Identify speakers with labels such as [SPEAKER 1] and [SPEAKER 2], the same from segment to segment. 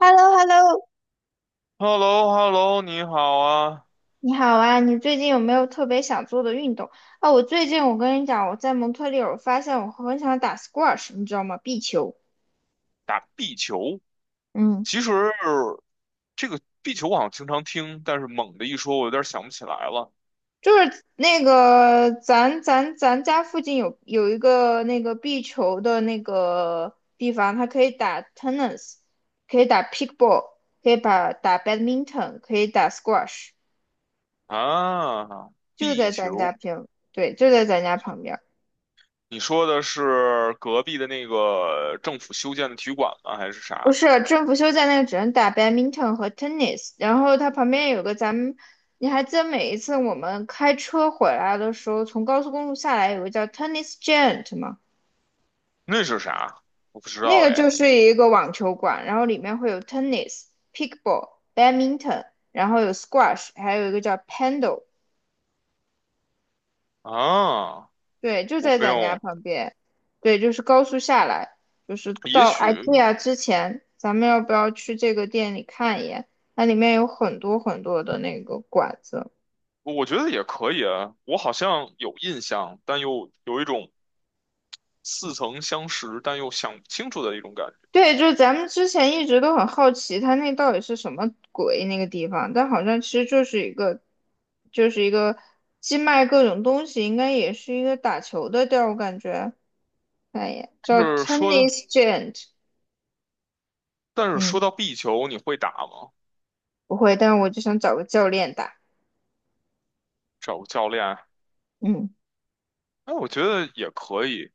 [SPEAKER 1] h e l l o h e l l o
[SPEAKER 2] hello hello 你好啊！
[SPEAKER 1] 你好啊！你最近有没有特别想做的运动？啊，我最近我跟你讲，我在蒙特利尔发现我很想打 squash，你知道吗？壁球，
[SPEAKER 2] 打壁球，
[SPEAKER 1] 嗯，
[SPEAKER 2] 其实这个壁球我好像经常听，但是猛的一说，我有点想不起来了。
[SPEAKER 1] 就是那个咱家附近有一个那个壁球的那个地方，它可以打 tennis，可以打 pickleball，可以把打 badminton，可以打 squash，
[SPEAKER 2] 啊。
[SPEAKER 1] 就
[SPEAKER 2] 壁
[SPEAKER 1] 在咱
[SPEAKER 2] 球，
[SPEAKER 1] 家平，对，就在咱家旁边。
[SPEAKER 2] 你说的是隔壁的那个政府修建的体育馆吗？还是
[SPEAKER 1] 不
[SPEAKER 2] 啥？
[SPEAKER 1] 是，政府休假那个只能打 badminton 和 tennis，然后它旁边有个咱们，你还记得每一次我们开车回来的时候，从高速公路下来有个叫 tennis giant 吗？
[SPEAKER 2] 那是啥？我不知
[SPEAKER 1] 那
[SPEAKER 2] 道
[SPEAKER 1] 个
[SPEAKER 2] 哎。
[SPEAKER 1] 就是一个网球馆，然后里面会有 tennis、pickleball、badminton，然后有 squash，还有一个叫 paddle。
[SPEAKER 2] 啊，
[SPEAKER 1] 对，就
[SPEAKER 2] 我
[SPEAKER 1] 在
[SPEAKER 2] 不
[SPEAKER 1] 咱家
[SPEAKER 2] 用，
[SPEAKER 1] 旁边，对，就是高速下来，就是
[SPEAKER 2] 也
[SPEAKER 1] 到
[SPEAKER 2] 许
[SPEAKER 1] IKEA 之前，咱们要不要去这个店里看一眼？它里面有很多很多的那个馆子。
[SPEAKER 2] 我觉得也可以啊。我好像有印象，但又有一种似曾相识，但又想不清楚的一种感觉。
[SPEAKER 1] 对，就是咱们之前一直都很好奇，它那到底是什么鬼那个地方，但好像其实就是一个，就是一个既卖各种东西，应该也是一个打球的地儿，我感觉。看一眼，叫
[SPEAKER 2] 就是说的，
[SPEAKER 1] Tennis Giant，
[SPEAKER 2] 但是说
[SPEAKER 1] 嗯，
[SPEAKER 2] 到壁球，你会打吗？
[SPEAKER 1] 不会，但是我就想找个教练打，
[SPEAKER 2] 找个教练？
[SPEAKER 1] 嗯。
[SPEAKER 2] 哎，我觉得也可以，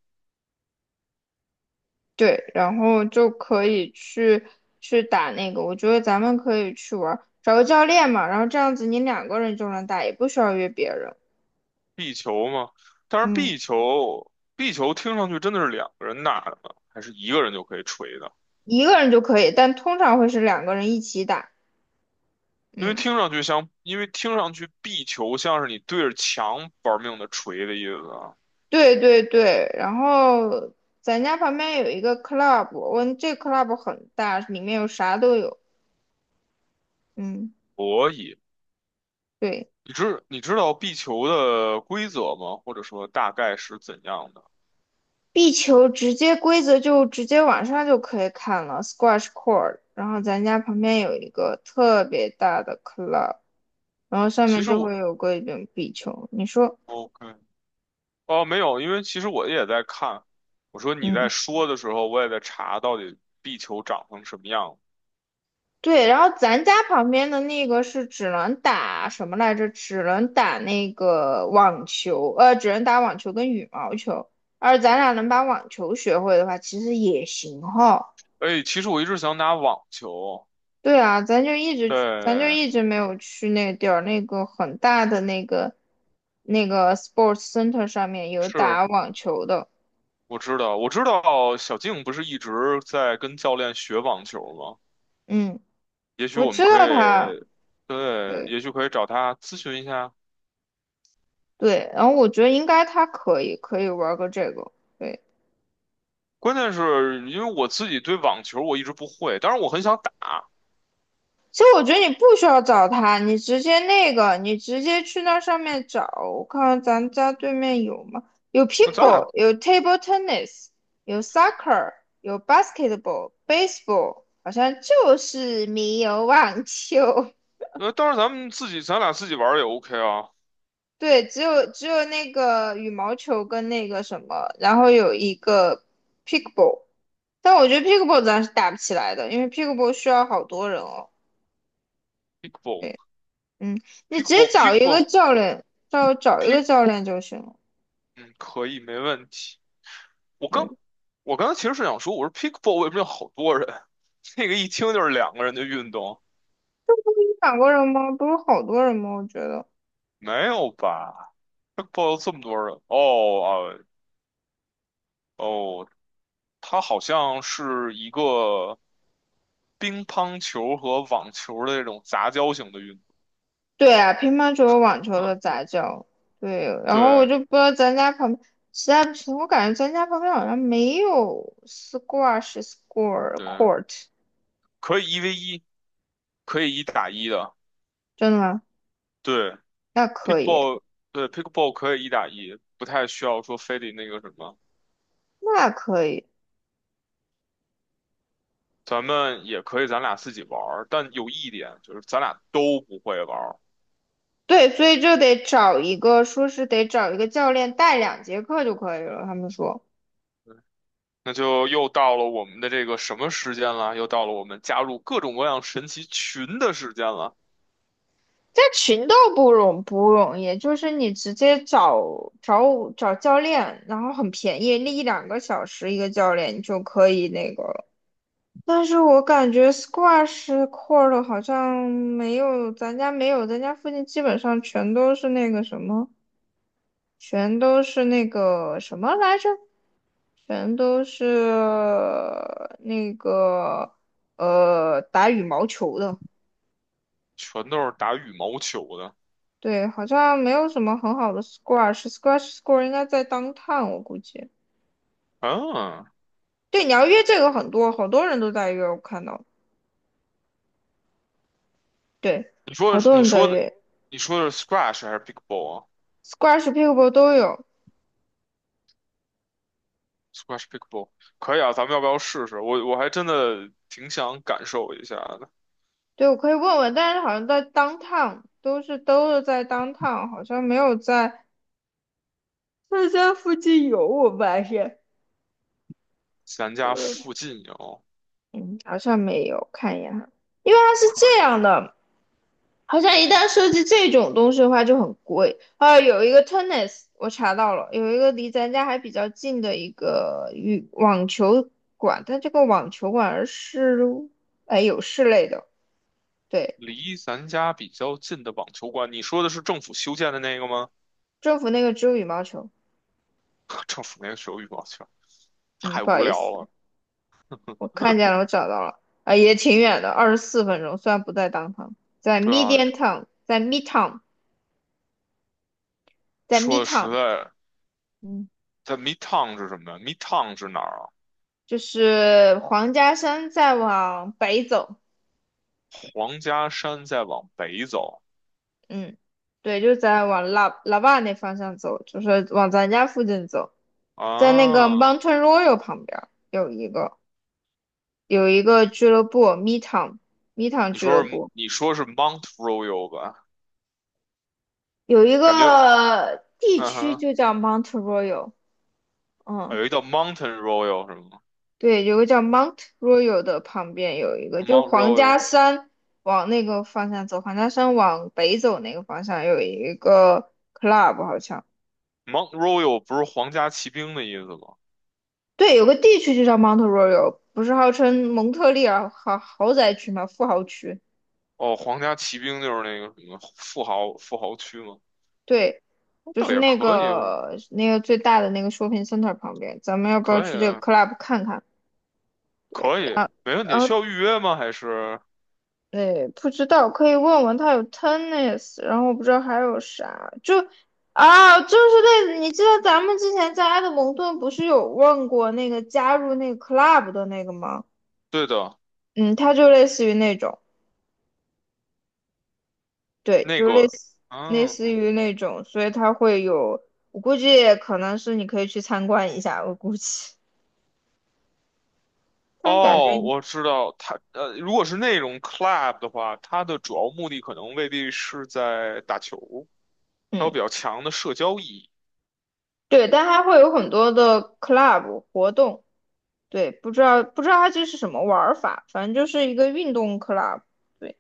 [SPEAKER 1] 对，然后就可以去打那个，我觉得咱们可以去玩儿，找个教练嘛，然后这样子你两个人就能打，也不需要约别人，
[SPEAKER 2] 壁球嘛。但是
[SPEAKER 1] 嗯，
[SPEAKER 2] 壁球，壁球听上去真的是两个人打的吗？还是一个人就可以锤的？
[SPEAKER 1] 一个人就可以，但通常会是两个人一起打，
[SPEAKER 2] 因为
[SPEAKER 1] 嗯，
[SPEAKER 2] 听上去像，因为听上去壁球像是你对着墙玩命的锤的意思啊。
[SPEAKER 1] 对对对，然后咱家旁边有一个 club，我这 club 很大，里面有啥都有，嗯，
[SPEAKER 2] 所以，
[SPEAKER 1] 对，
[SPEAKER 2] 你知道壁球的规则吗？或者说大概是怎样的？
[SPEAKER 1] 壁球直接规则就直接网上就可以看了，squash court。然后咱家旁边有一个特别大的 club，然后上
[SPEAKER 2] 其
[SPEAKER 1] 面
[SPEAKER 2] 实
[SPEAKER 1] 就
[SPEAKER 2] 我
[SPEAKER 1] 会有个一种壁球。你说，
[SPEAKER 2] OK，哦，没有，因为其实我也在看。我说你在
[SPEAKER 1] 嗯，
[SPEAKER 2] 说的时候，我也在查到底壁球长成什么样。
[SPEAKER 1] 对。然后咱家旁边的那个是只能打什么来着？只能打那个网球，只能打网球跟羽毛球。而咱俩能把网球学会的话，其实也行哈。
[SPEAKER 2] 哎，其实我一直想打网球。
[SPEAKER 1] 对啊，咱就一直，咱就
[SPEAKER 2] 对，
[SPEAKER 1] 一直没有去那个地儿，那个很大的那个那个 sports center 上面有
[SPEAKER 2] 是，
[SPEAKER 1] 打网球的。
[SPEAKER 2] 我知道小静不是一直在跟教练学网球吗？
[SPEAKER 1] 嗯，
[SPEAKER 2] 也许
[SPEAKER 1] 我
[SPEAKER 2] 我们
[SPEAKER 1] 知
[SPEAKER 2] 可
[SPEAKER 1] 道他。
[SPEAKER 2] 以，对，
[SPEAKER 1] 对。
[SPEAKER 2] 也许可以找他咨询一下。
[SPEAKER 1] 对，然后我觉得应该他可以玩个这个。对，
[SPEAKER 2] 关键是因为我自己对网球我一直不会，当然我很想打。
[SPEAKER 1] 其实我觉得你不需要找他，你直接那个，你直接去那上面找。我看看咱家对面有吗？有 p i c
[SPEAKER 2] 那
[SPEAKER 1] k l
[SPEAKER 2] 咱俩，
[SPEAKER 1] e b a 有 table tennis，有 soccer，有 basketball、baseball，好像就是没有网球。
[SPEAKER 2] 那当然咱们自己，咱俩自己玩儿也 OK 啊。
[SPEAKER 1] 对，只有那个羽毛球跟那个什么，然后有一个 pickleball，但我觉得 pickleball 咱是打不起来的，因为 pickleball 需要好多人哦。嗯，你直接找一个
[SPEAKER 2] Pickleball，pickleball，pickleball。
[SPEAKER 1] 教练，找
[SPEAKER 2] p
[SPEAKER 1] 一
[SPEAKER 2] i c
[SPEAKER 1] 个
[SPEAKER 2] k
[SPEAKER 1] 教练就行了。
[SPEAKER 2] 嗯，可以，没问题。我
[SPEAKER 1] 对，
[SPEAKER 2] 刚，我刚才其实是想说，我说 pickleball 为什么有好多人？这个一听就是两个人的运动，
[SPEAKER 1] 你两过人吗？不是好多人吗？我觉得。
[SPEAKER 2] 没有吧？pickleball 有这么多人？哦啊，哦，它好像是一个乒乓球和网球的那种杂交型的运动。
[SPEAKER 1] 对啊，乒乓球和网球的杂交。对，然后我
[SPEAKER 2] 对
[SPEAKER 1] 就不知道咱家旁边，实在不行，我感觉咱家旁边好像没有 squash score
[SPEAKER 2] 对，
[SPEAKER 1] court，
[SPEAKER 2] 可以1v1，可以一打一的。
[SPEAKER 1] 真的吗？
[SPEAKER 2] 对
[SPEAKER 1] 那
[SPEAKER 2] p i c
[SPEAKER 1] 可
[SPEAKER 2] k b a
[SPEAKER 1] 以。
[SPEAKER 2] l l 对 pickball 可以一打一，不太需要说非得那个什么。
[SPEAKER 1] 那可以，
[SPEAKER 2] 咱们也可以咱俩自己玩儿，但有一点就是咱俩都不会玩儿，
[SPEAKER 1] 对，所以就得找一个，说是得找一个教练带两节课就可以了。他们说，
[SPEAKER 2] 那就又到了我们的这个什么时间了？又到了我们加入各种各样神奇群的时间了，
[SPEAKER 1] 在群都不容易，就是你直接找教练，然后很便宜，那一两个小时一个教练你就可以那个了。但是我感觉 squash court 好像没有，咱家没有，咱家附近基本上全都是那个什么，全都是那个什么来着？全都是那个打羽毛球的，
[SPEAKER 2] 全都是打羽毛球的。
[SPEAKER 1] 对，好像没有什么很好的 squash，squash s c o r e 应该在 downtown 我估计。
[SPEAKER 2] 嗯，
[SPEAKER 1] 对，你要约这个很多，好多人都在约，我看到，对，
[SPEAKER 2] 你说
[SPEAKER 1] 好
[SPEAKER 2] 的是
[SPEAKER 1] 多
[SPEAKER 2] 你
[SPEAKER 1] 人在
[SPEAKER 2] 说的
[SPEAKER 1] 约
[SPEAKER 2] 你说的是 squash 还是 pickleball 啊
[SPEAKER 1] ，squash、pickleball 都有。
[SPEAKER 2] ？squash pickleball 可以啊，咱们要不要试试？我还真的挺想感受一下的。
[SPEAKER 1] 对，我可以问问，但是好像在 downtown 都是在 downtown，好像没有在在家附近有，我发现，
[SPEAKER 2] 咱家
[SPEAKER 1] 嗯
[SPEAKER 2] 附近有
[SPEAKER 1] 嗯，好像没有，看一眼哈。因为它是
[SPEAKER 2] 可
[SPEAKER 1] 这
[SPEAKER 2] 以
[SPEAKER 1] 样的，好像一旦涉及这种东西的话就很贵。啊，有一个 tennis，我查到了，有一个离咱家还比较近的一个羽网球馆，但这个网球馆是哎有室内的，对，
[SPEAKER 2] 离咱家比较近的网球馆，你说的是政府修建的那个吗？
[SPEAKER 1] 政府那个只有羽毛球。
[SPEAKER 2] 政府那个手羽毛球
[SPEAKER 1] 嗯，
[SPEAKER 2] 太
[SPEAKER 1] 不好
[SPEAKER 2] 无
[SPEAKER 1] 意
[SPEAKER 2] 聊
[SPEAKER 1] 思，
[SPEAKER 2] 了。
[SPEAKER 1] 我看见了，我找到了，啊，也挺远的，24分钟，虽然不在 downtown，在
[SPEAKER 2] 对啊，
[SPEAKER 1] Midtown，在 Midtown，在
[SPEAKER 2] 说的实
[SPEAKER 1] Midtown，
[SPEAKER 2] 在，
[SPEAKER 1] 嗯，
[SPEAKER 2] 在 Midtown 是什么呀？Midtown 是哪儿啊？
[SPEAKER 1] 就是黄家山再往北走。
[SPEAKER 2] 皇家山再往北走
[SPEAKER 1] 嗯，对，就在往拉拉瓦那方向走，就是往咱家附近走，在那个
[SPEAKER 2] 啊？
[SPEAKER 1] Mountain Royal 旁边儿有一个有一个俱乐部，Midtown Midtown 俱乐部
[SPEAKER 2] 你说是 Mount Royal 吧？
[SPEAKER 1] 有一
[SPEAKER 2] 感觉
[SPEAKER 1] 个地
[SPEAKER 2] 嗯
[SPEAKER 1] 区
[SPEAKER 2] 哼，
[SPEAKER 1] 就叫 Mount Royal，
[SPEAKER 2] 啊
[SPEAKER 1] 嗯，
[SPEAKER 2] 有一叫 Mountain Royal 是吗
[SPEAKER 1] 对，有个叫 Mount Royal 的旁边有一个，就是
[SPEAKER 2] ？Mount
[SPEAKER 1] 皇家
[SPEAKER 2] Royal，Mount
[SPEAKER 1] 山往那个方向走，皇家山往北走那个方向有一个 club 好像。
[SPEAKER 2] Royal 不是皇家骑兵的意思吗？
[SPEAKER 1] 对，有个地区就叫 Mount Royal，不是号称蒙特利尔豪宅区吗？富豪区。
[SPEAKER 2] 哦，皇家骑兵就是那个什么富豪区吗？
[SPEAKER 1] 对，就
[SPEAKER 2] 倒
[SPEAKER 1] 是
[SPEAKER 2] 也
[SPEAKER 1] 那
[SPEAKER 2] 可以，
[SPEAKER 1] 个那个最大的那个 shopping center 旁边。咱们要不
[SPEAKER 2] 可
[SPEAKER 1] 要
[SPEAKER 2] 以
[SPEAKER 1] 去这个
[SPEAKER 2] 啊，
[SPEAKER 1] club 看看？
[SPEAKER 2] 可以，
[SPEAKER 1] 然后，
[SPEAKER 2] 没问
[SPEAKER 1] 然
[SPEAKER 2] 题。需
[SPEAKER 1] 后，
[SPEAKER 2] 要预约吗？还是
[SPEAKER 1] 对，不知道，可以问问他有 tennis，然后我不知道还有啥，就啊，就是那，你记得咱们之前在埃德蒙顿不是有问过那个加入那个 club 的那个吗？
[SPEAKER 2] 对的。
[SPEAKER 1] 嗯，它就类似于那种。对，
[SPEAKER 2] 那
[SPEAKER 1] 就类
[SPEAKER 2] 个，
[SPEAKER 1] 似类似
[SPEAKER 2] 嗯，
[SPEAKER 1] 于那种，所以它会有，我估计可能是你可以去参观一下，我估计，但感觉，
[SPEAKER 2] 哦，我知道，它如果是那种 club 的话，它的主要目的可能未必是在打球，它有
[SPEAKER 1] 嗯，
[SPEAKER 2] 比较强的社交意义。
[SPEAKER 1] 对，但它会有很多的 club 活动，对，不知道它这是什么玩儿法，反正就是一个运动 club，对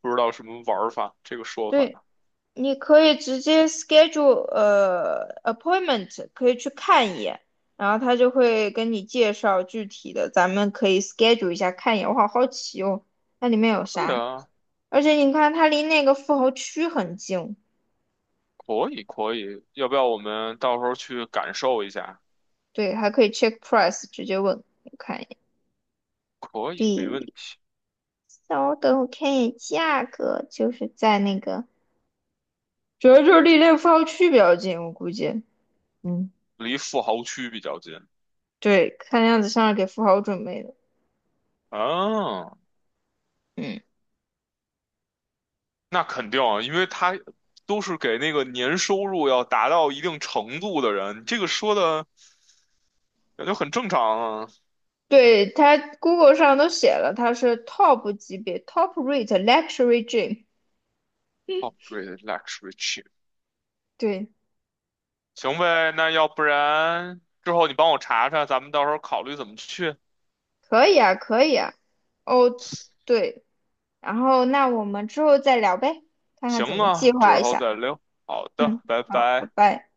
[SPEAKER 2] 不知道什么玩法，这个说
[SPEAKER 1] 对。
[SPEAKER 2] 法。
[SPEAKER 1] 你可以直接 schedule appointment，可以去看一眼，然后他就会跟你介绍具体的，咱们可以 schedule 一下看一眼。我好好奇哦，那里面有
[SPEAKER 2] 对
[SPEAKER 1] 啥？
[SPEAKER 2] 啊，
[SPEAKER 1] 而且你看，它离那个富豪区很近，
[SPEAKER 2] 可以可以，要不要我们到时候去感受一下？
[SPEAKER 1] 对，还可以 check price，直接问，我看一眼。
[SPEAKER 2] 可以，没问题。
[SPEAKER 1] 稍等，我看一眼价格，就是在那个，主要就是离那个富豪区比较近，我估计，嗯，
[SPEAKER 2] 离富豪区比较近。
[SPEAKER 1] 对，看样子像是给富豪准备的。
[SPEAKER 2] 啊，
[SPEAKER 1] 嗯。
[SPEAKER 2] 那肯定啊，因为他都是给那个年收入要达到一定程度的人，这个说的感觉很正常啊。
[SPEAKER 1] 对，它 Google 上都写了，它是 top 级别，top rate luxury gym。
[SPEAKER 2] Operate luxury chip
[SPEAKER 1] 对，
[SPEAKER 2] 行呗，那要不然之后你帮我查查，咱们到时候考虑怎么去。
[SPEAKER 1] 可以啊，可以啊。哦，对，然后那我们之后再聊呗，看看怎
[SPEAKER 2] 行
[SPEAKER 1] 么计
[SPEAKER 2] 啊，
[SPEAKER 1] 划
[SPEAKER 2] 之
[SPEAKER 1] 一
[SPEAKER 2] 后
[SPEAKER 1] 下。
[SPEAKER 2] 再聊。好的，
[SPEAKER 1] 嗯，
[SPEAKER 2] 拜
[SPEAKER 1] 好，拜
[SPEAKER 2] 拜。
[SPEAKER 1] 拜。